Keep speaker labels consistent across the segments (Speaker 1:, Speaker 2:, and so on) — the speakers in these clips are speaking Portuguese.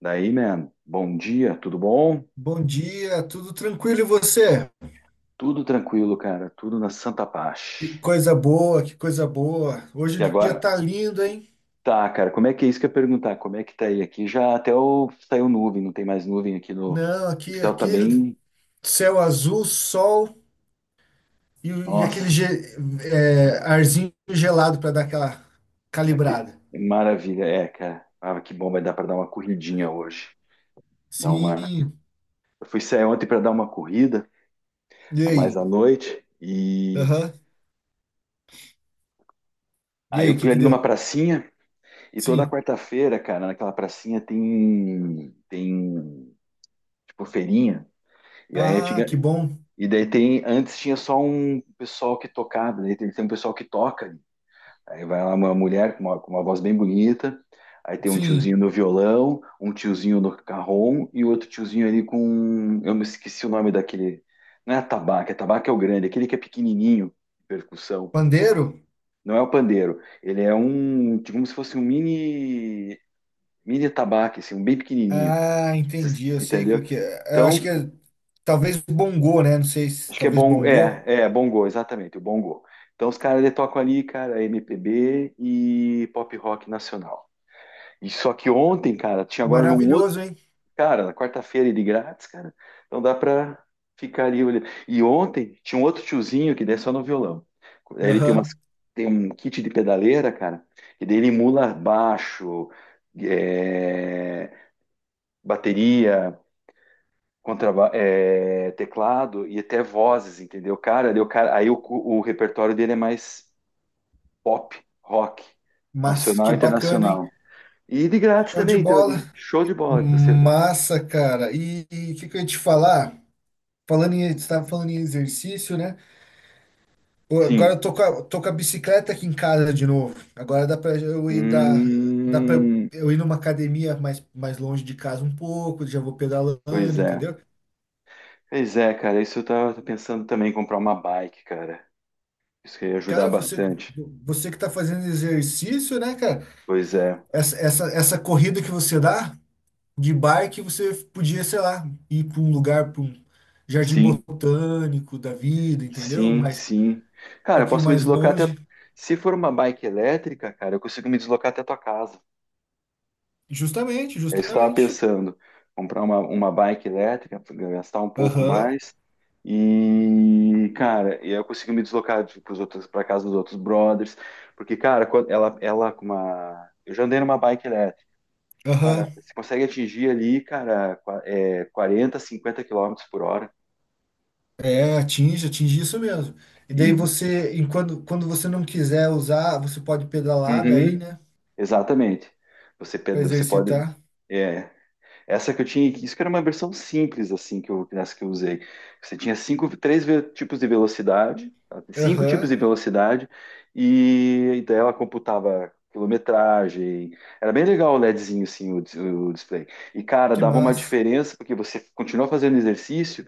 Speaker 1: Daí, man, bom dia, tudo bom?
Speaker 2: Bom dia, tudo tranquilo e você?
Speaker 1: Tudo tranquilo, cara, tudo na santa
Speaker 2: Que
Speaker 1: paz.
Speaker 2: coisa boa, que coisa boa. Hoje
Speaker 1: E
Speaker 2: o dia
Speaker 1: agora,
Speaker 2: tá lindo, hein?
Speaker 1: tá, cara, como é que é isso que eu ia perguntar? Como é que tá aí? Aqui já até o, saiu nuvem, não tem mais nuvem aqui no.
Speaker 2: Não,
Speaker 1: O
Speaker 2: aqui,
Speaker 1: céu tá
Speaker 2: aqui
Speaker 1: bem.
Speaker 2: céu azul, sol e, e aquele
Speaker 1: Nossa,
Speaker 2: arzinho gelado para dar aquela
Speaker 1: aqui,
Speaker 2: calibrada.
Speaker 1: maravilha, é, cara. Ah, que bom, vai dar pra dar uma corridinha hoje. Dar uma.
Speaker 2: Sim.
Speaker 1: Eu fui sair ontem pra dar uma corrida,
Speaker 2: E
Speaker 1: a mais à
Speaker 2: aí?
Speaker 1: noite, e.
Speaker 2: Aham. E
Speaker 1: Aí eu
Speaker 2: aí, o que
Speaker 1: fui
Speaker 2: que
Speaker 1: ali numa
Speaker 2: deu?
Speaker 1: pracinha, e toda
Speaker 2: Sim.
Speaker 1: quarta-feira, cara, naquela pracinha tem. Tem. Tipo, feirinha. E aí
Speaker 2: Ah, que
Speaker 1: antiga-
Speaker 2: bom.
Speaker 1: e daí tem, antes tinha só um pessoal que tocava, daí tem, um pessoal que toca ali. Aí vai lá uma mulher com uma voz bem bonita, aí tem um tiozinho
Speaker 2: Sim.
Speaker 1: no violão, um tiozinho no carrom e outro tiozinho ali com, eu me esqueci o nome daquele, não é atabaque, atabaque é o grande, aquele que é pequenininho, percussão.
Speaker 2: Pandeiro?
Speaker 1: Não é o pandeiro, ele é um, tipo, como se fosse um mini, atabaque, assim, um bem pequenininho.
Speaker 2: Ah,
Speaker 1: Vocês-
Speaker 2: entendi. Eu sei o que
Speaker 1: entendeu?
Speaker 2: que é. Eu acho
Speaker 1: Então,
Speaker 2: que talvez bongô, né? Não sei se
Speaker 1: acho que é
Speaker 2: talvez
Speaker 1: bom, é,
Speaker 2: bongô.
Speaker 1: é Bongo, exatamente, o Bongo. Então os caras eles tocam ali, cara, MPB e pop rock nacional. E só que ontem, cara, tinha agora um outro
Speaker 2: Maravilhoso, hein?
Speaker 1: cara, na quarta-feira de grátis, cara. Então dá pra ficar ali olhando. E ontem tinha um outro tiozinho que daí só no violão. Ele tem umas,
Speaker 2: Aham.
Speaker 1: tem um kit de pedaleira, cara, e daí ele emula baixo, é, bateria, contraba- é, teclado e até vozes, entendeu? Cara, daí o cara, aí o repertório dele é mais pop, rock,
Speaker 2: Mas
Speaker 1: nacional
Speaker 2: que
Speaker 1: e
Speaker 2: bacana, hein?
Speaker 1: internacional. E de grátis
Speaker 2: Show de
Speaker 1: também, então,
Speaker 2: bola.
Speaker 1: ele, show de bola. Você,
Speaker 2: Massa, cara. E o que, que eu ia te falar? Estava falando em exercício, né? Pô, agora
Speaker 1: sim.
Speaker 2: eu tô com a bicicleta aqui em casa de novo. Agora dá para
Speaker 1: Hum,
Speaker 2: eu ir numa academia mais longe de casa um pouco, já vou
Speaker 1: pois
Speaker 2: pedalando,
Speaker 1: é.
Speaker 2: entendeu?
Speaker 1: Pois é, cara, isso eu tava pensando também em comprar uma bike, cara. Isso que ia ajudar
Speaker 2: Cara, você,
Speaker 1: bastante.
Speaker 2: você que tá fazendo exercício, né, cara?
Speaker 1: Pois é.
Speaker 2: Essa corrida que você dá, de bike você podia, sei lá, ir para um lugar, para um jardim
Speaker 1: Sim,
Speaker 2: botânico da vida, entendeu?
Speaker 1: sim,
Speaker 2: Mas um
Speaker 1: sim. Cara, eu
Speaker 2: pouquinho
Speaker 1: posso me
Speaker 2: mais
Speaker 1: deslocar até.
Speaker 2: longe.
Speaker 1: Se for uma bike elétrica, cara, eu consigo me deslocar até a tua casa.
Speaker 2: Justamente,
Speaker 1: Eu estava
Speaker 2: justamente.
Speaker 1: pensando comprar uma, bike elétrica, gastar um pouco
Speaker 2: Aham,
Speaker 1: mais e, cara, e eu consegui me deslocar para os outros, para casa dos outros brothers, porque, cara, quando ela com uma, eu já andei numa bike elétrica,
Speaker 2: aham.
Speaker 1: cara, você consegue atingir ali, cara, qua- é, 40 50 quilômetros por hora
Speaker 2: É, atinge isso mesmo. E daí
Speaker 1: e,
Speaker 2: e quando você não quiser usar, você pode pedalar daí,
Speaker 1: uhum,
Speaker 2: né?
Speaker 1: exatamente, você, pe-
Speaker 2: Para
Speaker 1: você pode,
Speaker 2: exercitar.
Speaker 1: é, essa que eu tinha, isso que era uma versão simples, assim, que eu, nessa que eu usei. Você tinha cinco, três ve- tipos de velocidade, tá? Cinco tipos de
Speaker 2: Aham,
Speaker 1: velocidade, e, daí ela computava quilometragem. Era bem legal o LEDzinho, assim, o, dis- o display. E, cara,
Speaker 2: que
Speaker 1: dava uma
Speaker 2: massa.
Speaker 1: diferença, porque você continua fazendo exercício,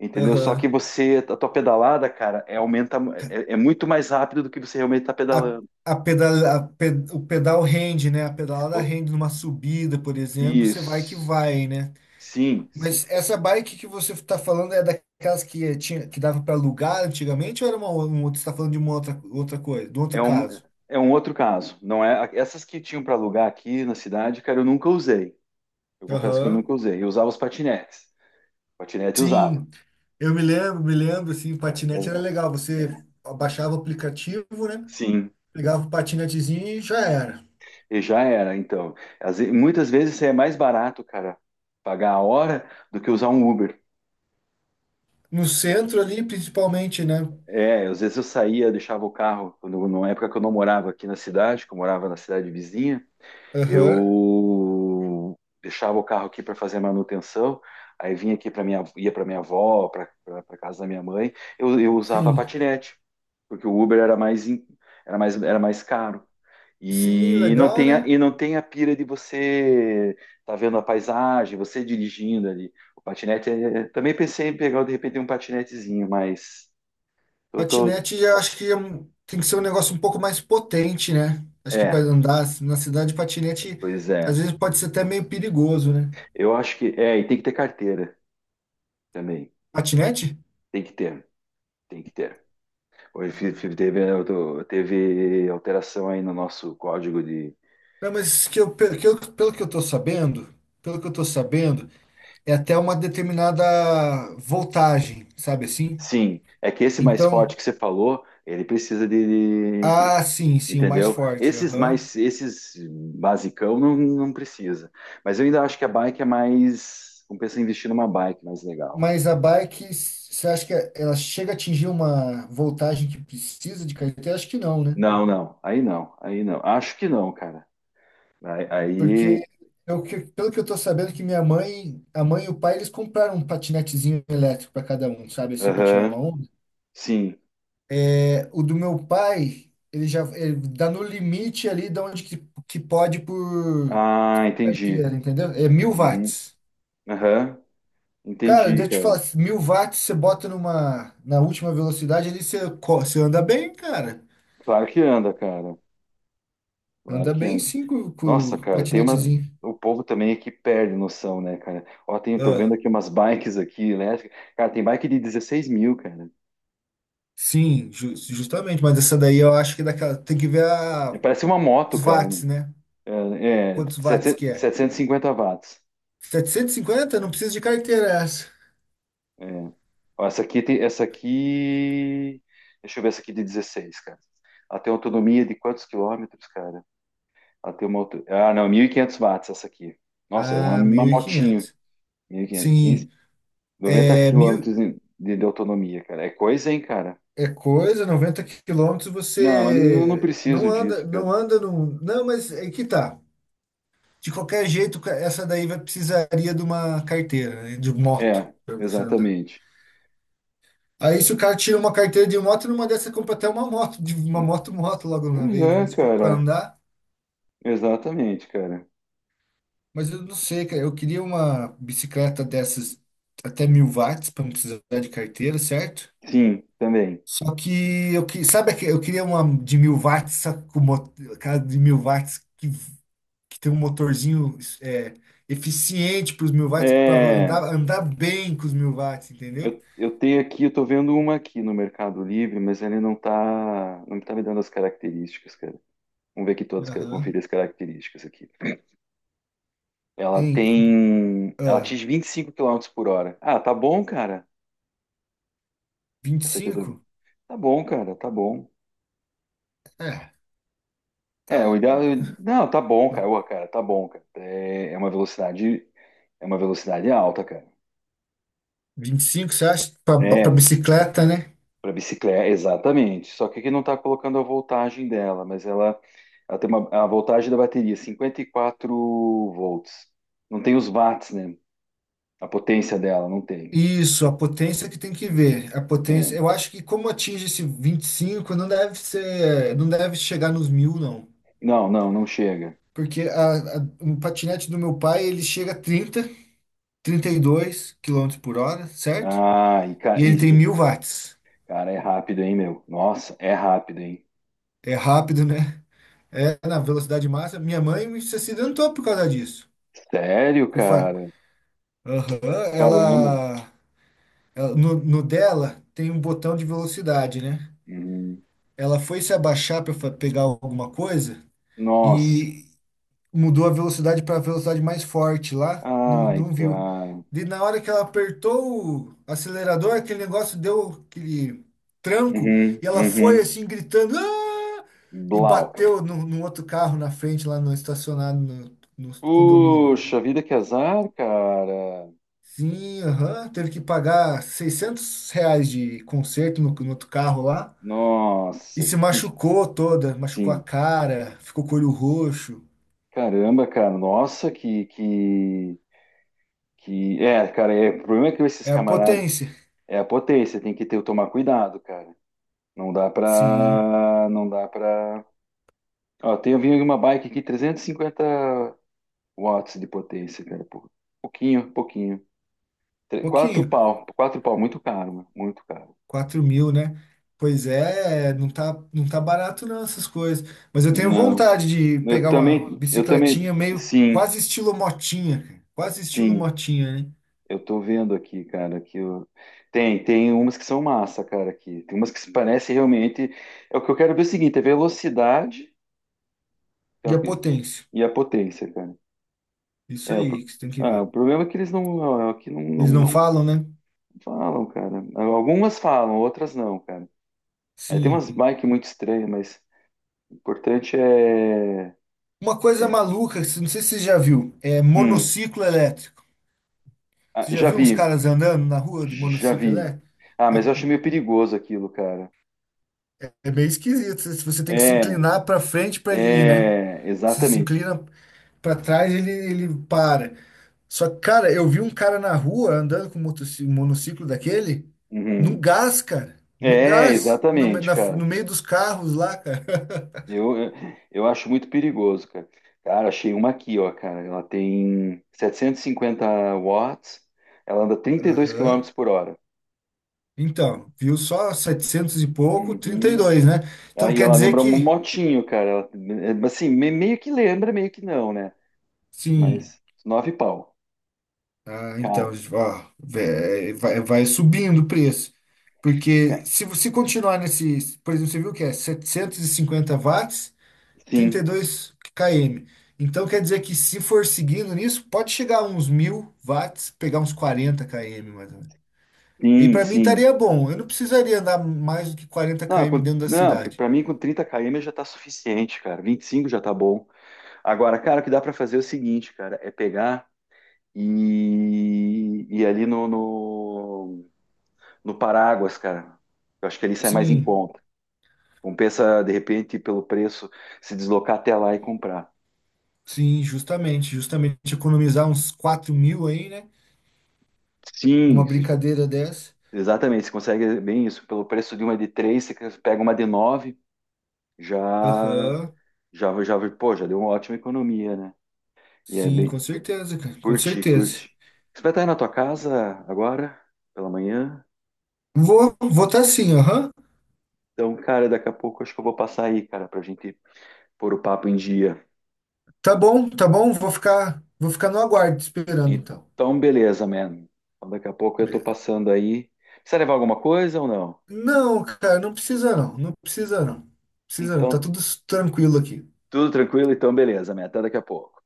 Speaker 1: entendeu? Só que
Speaker 2: Aham.
Speaker 1: você, a tua pedalada, cara, é, aumenta, é, muito mais rápido do que você realmente está
Speaker 2: A,
Speaker 1: pedalando.
Speaker 2: a pedala, a ped- O pedal rende, né? A pedalada
Speaker 1: O-
Speaker 2: rende numa subida, por exemplo, você vai que
Speaker 1: isso.
Speaker 2: vai, né?
Speaker 1: Sim,
Speaker 2: Mas essa bike que você está falando é daquelas que tinha, que dava para alugar antigamente ou era um outro? Você está falando de uma outra coisa, de um outro
Speaker 1: É um,
Speaker 2: caso?
Speaker 1: é um outro caso. Não é essas que tinham para alugar aqui na cidade, cara, eu nunca usei. Eu confesso que eu
Speaker 2: Aham.
Speaker 1: nunca usei. Eu usava os patinetes. Patinete eu usava.
Speaker 2: Sim, eu me lembro, assim, patinete era
Speaker 1: É,
Speaker 2: legal. Você baixava o aplicativo, né?
Speaker 1: sim,
Speaker 2: Pegava o patinetezinho e já era.
Speaker 1: e já era. Então, às ve- muitas vezes é mais barato, cara, pagar a hora do que usar um Uber.
Speaker 2: No centro ali, principalmente, né?
Speaker 1: É, às vezes eu saía, deixava o carro, quando, na época que eu não morava aqui na cidade, que eu morava na cidade vizinha,
Speaker 2: Aham.
Speaker 1: eu deixava o carro aqui para fazer a manutenção, aí vinha aqui para minha, ia para minha avó, para casa da minha mãe, eu, usava
Speaker 2: Sim.
Speaker 1: patinete, porque o Uber era mais, em- era mais caro.
Speaker 2: Sim,
Speaker 1: E não
Speaker 2: legal,
Speaker 1: tem a,
Speaker 2: né?
Speaker 1: e não tem a pira de você tá vendo a paisagem, você dirigindo ali. O patinete, é- também pensei em pegar de repente um patinetezinho, mas eu tô,
Speaker 2: Patinete, eu acho que tem que ser um negócio um pouco mais potente, né? Acho que
Speaker 1: é,
Speaker 2: para andar na cidade, patinete
Speaker 1: pois é.
Speaker 2: às vezes pode ser até meio perigoso, né?
Speaker 1: Eu acho que é, e tem que ter carteira também.
Speaker 2: Patinete?
Speaker 1: Tem que ter, tem que ter. Hoje fi- fi- teve, eu teve alteração aí no nosso código de.
Speaker 2: Não, mas que eu, pe- que eu- pelo que eu tô sabendo, pelo que eu tô sabendo, é até uma determinada voltagem, sabe assim?
Speaker 1: Sim, é que esse mais forte
Speaker 2: Então,
Speaker 1: que você falou, ele precisa de- que-
Speaker 2: ah, sim, sim, o mais
Speaker 1: entendeu?
Speaker 2: forte,
Speaker 1: Esses
Speaker 2: aham.
Speaker 1: mais, esses basicão não, não precisa. Mas eu ainda acho que a bike é mais. Compensa investir numa bike mais legal.
Speaker 2: Mas a bike, você acha que ela chega a atingir uma voltagem que precisa de carteira? Acho que não, né?
Speaker 1: Não, não, aí não, aí não. Acho que não, cara. Aí, aí,
Speaker 2: Porque pelo que eu tô sabendo que a mãe e o pai, eles compraram um patinetezinho elétrico para cada um, sabe assim, para tirar
Speaker 1: aham,
Speaker 2: uma onda.
Speaker 1: sim.
Speaker 2: É, o do meu pai, ele dá no limite ali de onde que pode por
Speaker 1: Ah,
Speaker 2: carteira,
Speaker 1: entendi.
Speaker 2: entendeu? É mil
Speaker 1: Uhum,
Speaker 2: watts.
Speaker 1: aham,
Speaker 2: Cara,
Speaker 1: entendi,
Speaker 2: deixa eu te
Speaker 1: cara.
Speaker 2: falar, 1.000 watts você bota na última velocidade ali, você anda bem, cara.
Speaker 1: Claro que anda, cara. Claro
Speaker 2: Anda
Speaker 1: que
Speaker 2: bem
Speaker 1: anda.
Speaker 2: sim com
Speaker 1: Nossa,
Speaker 2: o
Speaker 1: cara, tem uma.
Speaker 2: patinetezinho.
Speaker 1: O povo também aqui perde noção, né, cara? Ó, tem, tô vendo
Speaker 2: Ah,
Speaker 1: aqui umas bikes aqui elétricas. Cara, tem bike de 16 mil, cara.
Speaker 2: sim, justamente, mas essa daí eu acho que é daquela, tem que ver
Speaker 1: É,
Speaker 2: a
Speaker 1: parece uma moto,
Speaker 2: os
Speaker 1: cara.
Speaker 2: watts, né?
Speaker 1: é,
Speaker 2: Quantos watts
Speaker 1: setecentos
Speaker 2: que é?
Speaker 1: setecentos e cinquenta watts.
Speaker 2: 750? Não precisa de carteira essa.
Speaker 1: É. Ó, essa aqui tem. Essa aqui. Deixa eu ver essa aqui de dezesseis, cara. Ela tem autonomia de quantos quilômetros, cara? Ela tem uma. Auto- ah, não, 1.500 watts essa aqui. Nossa, é uma,
Speaker 2: Ah,
Speaker 1: uma
Speaker 2: mil e
Speaker 1: motinha.
Speaker 2: quinhentos.
Speaker 1: 1.500, 15,
Speaker 2: Sim,
Speaker 1: 90
Speaker 2: é
Speaker 1: quilômetros
Speaker 2: mil
Speaker 1: de autonomia, cara. É coisa, hein, cara?
Speaker 2: é coisa, 90 quilômetros
Speaker 1: Não, mas não
Speaker 2: você não
Speaker 1: preciso
Speaker 2: anda,
Speaker 1: disso, cara.
Speaker 2: não anda num. Não, mas é que tá. De qualquer jeito, essa daí vai precisaria de uma carteira, né? De moto,
Speaker 1: É,
Speaker 2: para você andar.
Speaker 1: exatamente.
Speaker 2: Aí se o cara tira uma carteira de moto, numa dessa compra até uma moto, de uma moto logo na
Speaker 1: Pois
Speaker 2: vez,
Speaker 1: é,
Speaker 2: né? Se for para
Speaker 1: cara.
Speaker 2: andar.
Speaker 1: Exatamente, cara.
Speaker 2: Mas eu não sei, cara. Eu queria uma bicicleta dessas até 1.000 watts para não precisar de carteira, certo?
Speaker 1: Sim, também.
Speaker 2: Só que eu que sabe que eu queria uma de 1.000 watts, só que aquela de 1.000 watts que tem um motorzinho eficiente para os 1.000 watts para
Speaker 1: É,
Speaker 2: andar bem com os 1.000 watts, entendeu?
Speaker 1: eu tenho aqui, eu tô vendo uma aqui no Mercado Livre, mas ele não tá me dando as características, cara. Vamos ver aqui todas, cara,
Speaker 2: Aham.
Speaker 1: conferir as características aqui. Ela
Speaker 2: Em
Speaker 1: tem, ela
Speaker 2: ah,
Speaker 1: atinge 25 km/h. Ah, tá bom, cara.
Speaker 2: vinte e
Speaker 1: Essa aqui eu tô, vendo.
Speaker 2: cinco?
Speaker 1: Tá bom, cara, tá bom.
Speaker 2: É, tá.
Speaker 1: É, o ideal. Não, tá bom, cara. Ô, cara, tá bom, cara. É, é uma velocidade, alta, cara.
Speaker 2: 25. Você acha? Para
Speaker 1: É,
Speaker 2: bicicleta, né?
Speaker 1: para bicicleta, exatamente. Só que aqui não tá colocando a voltagem dela, mas ela tem uma, a voltagem da bateria, 54 volts. Não tem os watts, né? A potência dela, não tem.
Speaker 2: Isso, a potência que tem que ver. A
Speaker 1: É.
Speaker 2: potência, eu acho que como atinge esse 25 não deve ser, não deve chegar nos mil, não.
Speaker 1: Não, não, não chega.
Speaker 2: Porque o patinete do meu pai, ele chega a 30, 32 quilômetros por hora, certo?
Speaker 1: Ah, e,
Speaker 2: E
Speaker 1: ca-
Speaker 2: ele tem
Speaker 1: e-
Speaker 2: 1.000 watts.
Speaker 1: cara, é rápido, hein, meu? Nossa, é rápido, hein?
Speaker 2: É rápido, né? É na velocidade máxima. Minha mãe se acidentou por causa disso.
Speaker 1: Sério,
Speaker 2: Com fa-
Speaker 1: cara?
Speaker 2: Aham,
Speaker 1: Caramba.
Speaker 2: ela, no dela tem um botão de velocidade, né?
Speaker 1: Uhum.
Speaker 2: Ela foi se abaixar para pegar alguma coisa.
Speaker 1: Nossa,
Speaker 2: Mudou a velocidade para a velocidade mais forte lá, não,
Speaker 1: ai,
Speaker 2: não viu.
Speaker 1: cara.
Speaker 2: E na hora que ela apertou o acelerador, aquele negócio deu aquele tranco
Speaker 1: Uhum,
Speaker 2: e ela foi
Speaker 1: uhum.
Speaker 2: assim gritando "Ah!" e
Speaker 1: Blau, cara.
Speaker 2: bateu no outro carro na frente lá no estacionado no condomínio.
Speaker 1: Puxa vida, que azar, cara.
Speaker 2: Sim, aham, teve que pagar R$ 600 de conserto no outro carro lá e
Speaker 1: Nossa,
Speaker 2: se
Speaker 1: que.
Speaker 2: machucou toda, machucou a
Speaker 1: Sim.
Speaker 2: cara, ficou com o olho roxo.
Speaker 1: Caramba, cara. Nossa, que. Que... É, cara, é, o problema é que esses
Speaker 2: É a
Speaker 1: camaradas.
Speaker 2: potência.
Speaker 1: É a potência, tem que ter, tomar cuidado, cara. Não dá
Speaker 2: Sim,
Speaker 1: pra. Não dá pra. Ó, tem, eu vi uma bike aqui, 350 watts de potência, cara. Pô. Pouquinho, pouquinho. Tre- quatro
Speaker 2: pouquinho.
Speaker 1: pau, quatro pau, muito caro, mano, muito caro.
Speaker 2: 4.000, né? Pois é, não tá, não tá barato não essas coisas. Mas eu tenho
Speaker 1: Não.
Speaker 2: vontade de pegar uma
Speaker 1: Eu também,
Speaker 2: bicicletinha meio
Speaker 1: sim,
Speaker 2: quase estilo motinha, cara. Quase estilo
Speaker 1: sim.
Speaker 2: motinha, né?
Speaker 1: Eu tô vendo aqui, cara, que eu... Tem umas que são massa, cara, aqui. Tem umas que se parecem realmente. É o que eu quero ver é o seguinte, é velocidade é
Speaker 2: E
Speaker 1: o
Speaker 2: a
Speaker 1: que-
Speaker 2: potência.
Speaker 1: e a potência, cara.
Speaker 2: Isso
Speaker 1: É, o, pro-
Speaker 2: aí que você tem que
Speaker 1: ah,
Speaker 2: ver.
Speaker 1: o problema é que eles não, aqui não, não,
Speaker 2: Eles não
Speaker 1: não
Speaker 2: falam, né?
Speaker 1: falam, cara. Algumas falam, outras não, cara. Aí tem umas
Speaker 2: Sim.
Speaker 1: bikes muito estranhas, mas o importante é.
Speaker 2: Uma coisa maluca, que não sei se você já viu, é
Speaker 1: Hum,
Speaker 2: monociclo elétrico.
Speaker 1: ah,
Speaker 2: Você já
Speaker 1: já
Speaker 2: viu uns
Speaker 1: vi,
Speaker 2: caras andando na rua de
Speaker 1: já
Speaker 2: monociclo
Speaker 1: vi.
Speaker 2: elétrico?
Speaker 1: Ah,
Speaker 2: É,
Speaker 1: mas eu acho meio perigoso aquilo, cara.
Speaker 2: é meio esquisito. Você tem que se
Speaker 1: É,
Speaker 2: inclinar pra frente pra ele ir, né?
Speaker 1: é
Speaker 2: Você se
Speaker 1: exatamente.
Speaker 2: inclina pra trás ele para. Só que, cara, eu vi um cara na rua andando com um um monociclo daquele no
Speaker 1: Uhum.
Speaker 2: gás, cara. No
Speaker 1: É,
Speaker 2: gás.
Speaker 1: exatamente, cara.
Speaker 2: No meio dos carros lá, cara.
Speaker 1: Eu, eu eu acho muito perigoso, cara. Cara, achei uma aqui, ó, cara. Ela tem 750 watts, ela anda 32
Speaker 2: Aham.
Speaker 1: quilômetros por hora.
Speaker 2: Então, viu só 700 e pouco, trinta e
Speaker 1: Uhum.
Speaker 2: dois né?
Speaker 1: Ela-
Speaker 2: Então
Speaker 1: E
Speaker 2: quer
Speaker 1: ela
Speaker 2: dizer
Speaker 1: lembra um
Speaker 2: que,
Speaker 1: motinho, cara. Ela- é, assim, me- meio que lembra, meio que não, né?
Speaker 2: sim.
Speaker 1: Mas nove pau.
Speaker 2: Ah,
Speaker 1: Cara,
Speaker 2: então, ó, vai subindo o preço. Porque
Speaker 1: ca-
Speaker 2: se você continuar nesse, por exemplo, você viu que é 750 watts. trinta
Speaker 1: sim,
Speaker 2: e dois km. Então quer dizer que se for seguindo nisso, pode chegar a uns 1.000 watts, pegar uns 40 km mais ou menos. E
Speaker 1: sim,
Speaker 2: para mim
Speaker 1: sim.
Speaker 2: estaria bom. Eu não precisaria andar mais do que quarenta
Speaker 1: Não,
Speaker 2: km
Speaker 1: com,
Speaker 2: dentro da
Speaker 1: não,
Speaker 2: cidade.
Speaker 1: pra mim com 30 km já tá suficiente, cara. 25 já tá bom. Agora, cara, o que dá para fazer é o seguinte, cara, é pegar e ir ali no Paráguas, cara. Eu acho que ali sai mais em
Speaker 2: Sim,
Speaker 1: conta. Compensa, de repente, pelo preço, se deslocar até lá e comprar.
Speaker 2: sim, justamente, justamente economizar uns 4.000 aí, né? Numa
Speaker 1: Sim, se-
Speaker 2: brincadeira dessa.
Speaker 1: exatamente. Você consegue bem isso. Pelo preço de uma de três, você pega uma de nove, já,
Speaker 2: Aham.
Speaker 1: já, já, pô, já deu uma ótima economia, né? E é
Speaker 2: Sim, com
Speaker 1: bem.
Speaker 2: certeza, cara, com
Speaker 1: Curti,
Speaker 2: certeza.
Speaker 1: curti. Você vai estar aí na tua casa agora, pela manhã?
Speaker 2: Vou tá sim, aham.
Speaker 1: Então, cara, daqui a pouco acho que eu vou passar aí, cara, pra gente pôr o papo em dia.
Speaker 2: Tá bom, vou ficar no aguardo te esperando então.
Speaker 1: Então, beleza, man. Então, daqui a pouco eu tô
Speaker 2: Be-
Speaker 1: passando aí. Precisa levar alguma coisa ou não?
Speaker 2: Não, cara, não precisa não. Não precisa não. Precisa não. Tá
Speaker 1: Então,
Speaker 2: tudo tranquilo aqui.
Speaker 1: tudo tranquilo? Então, beleza, man. Até daqui a pouco.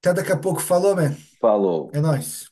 Speaker 2: Até daqui a pouco. Falou, man.
Speaker 1: Falou.
Speaker 2: É nóis.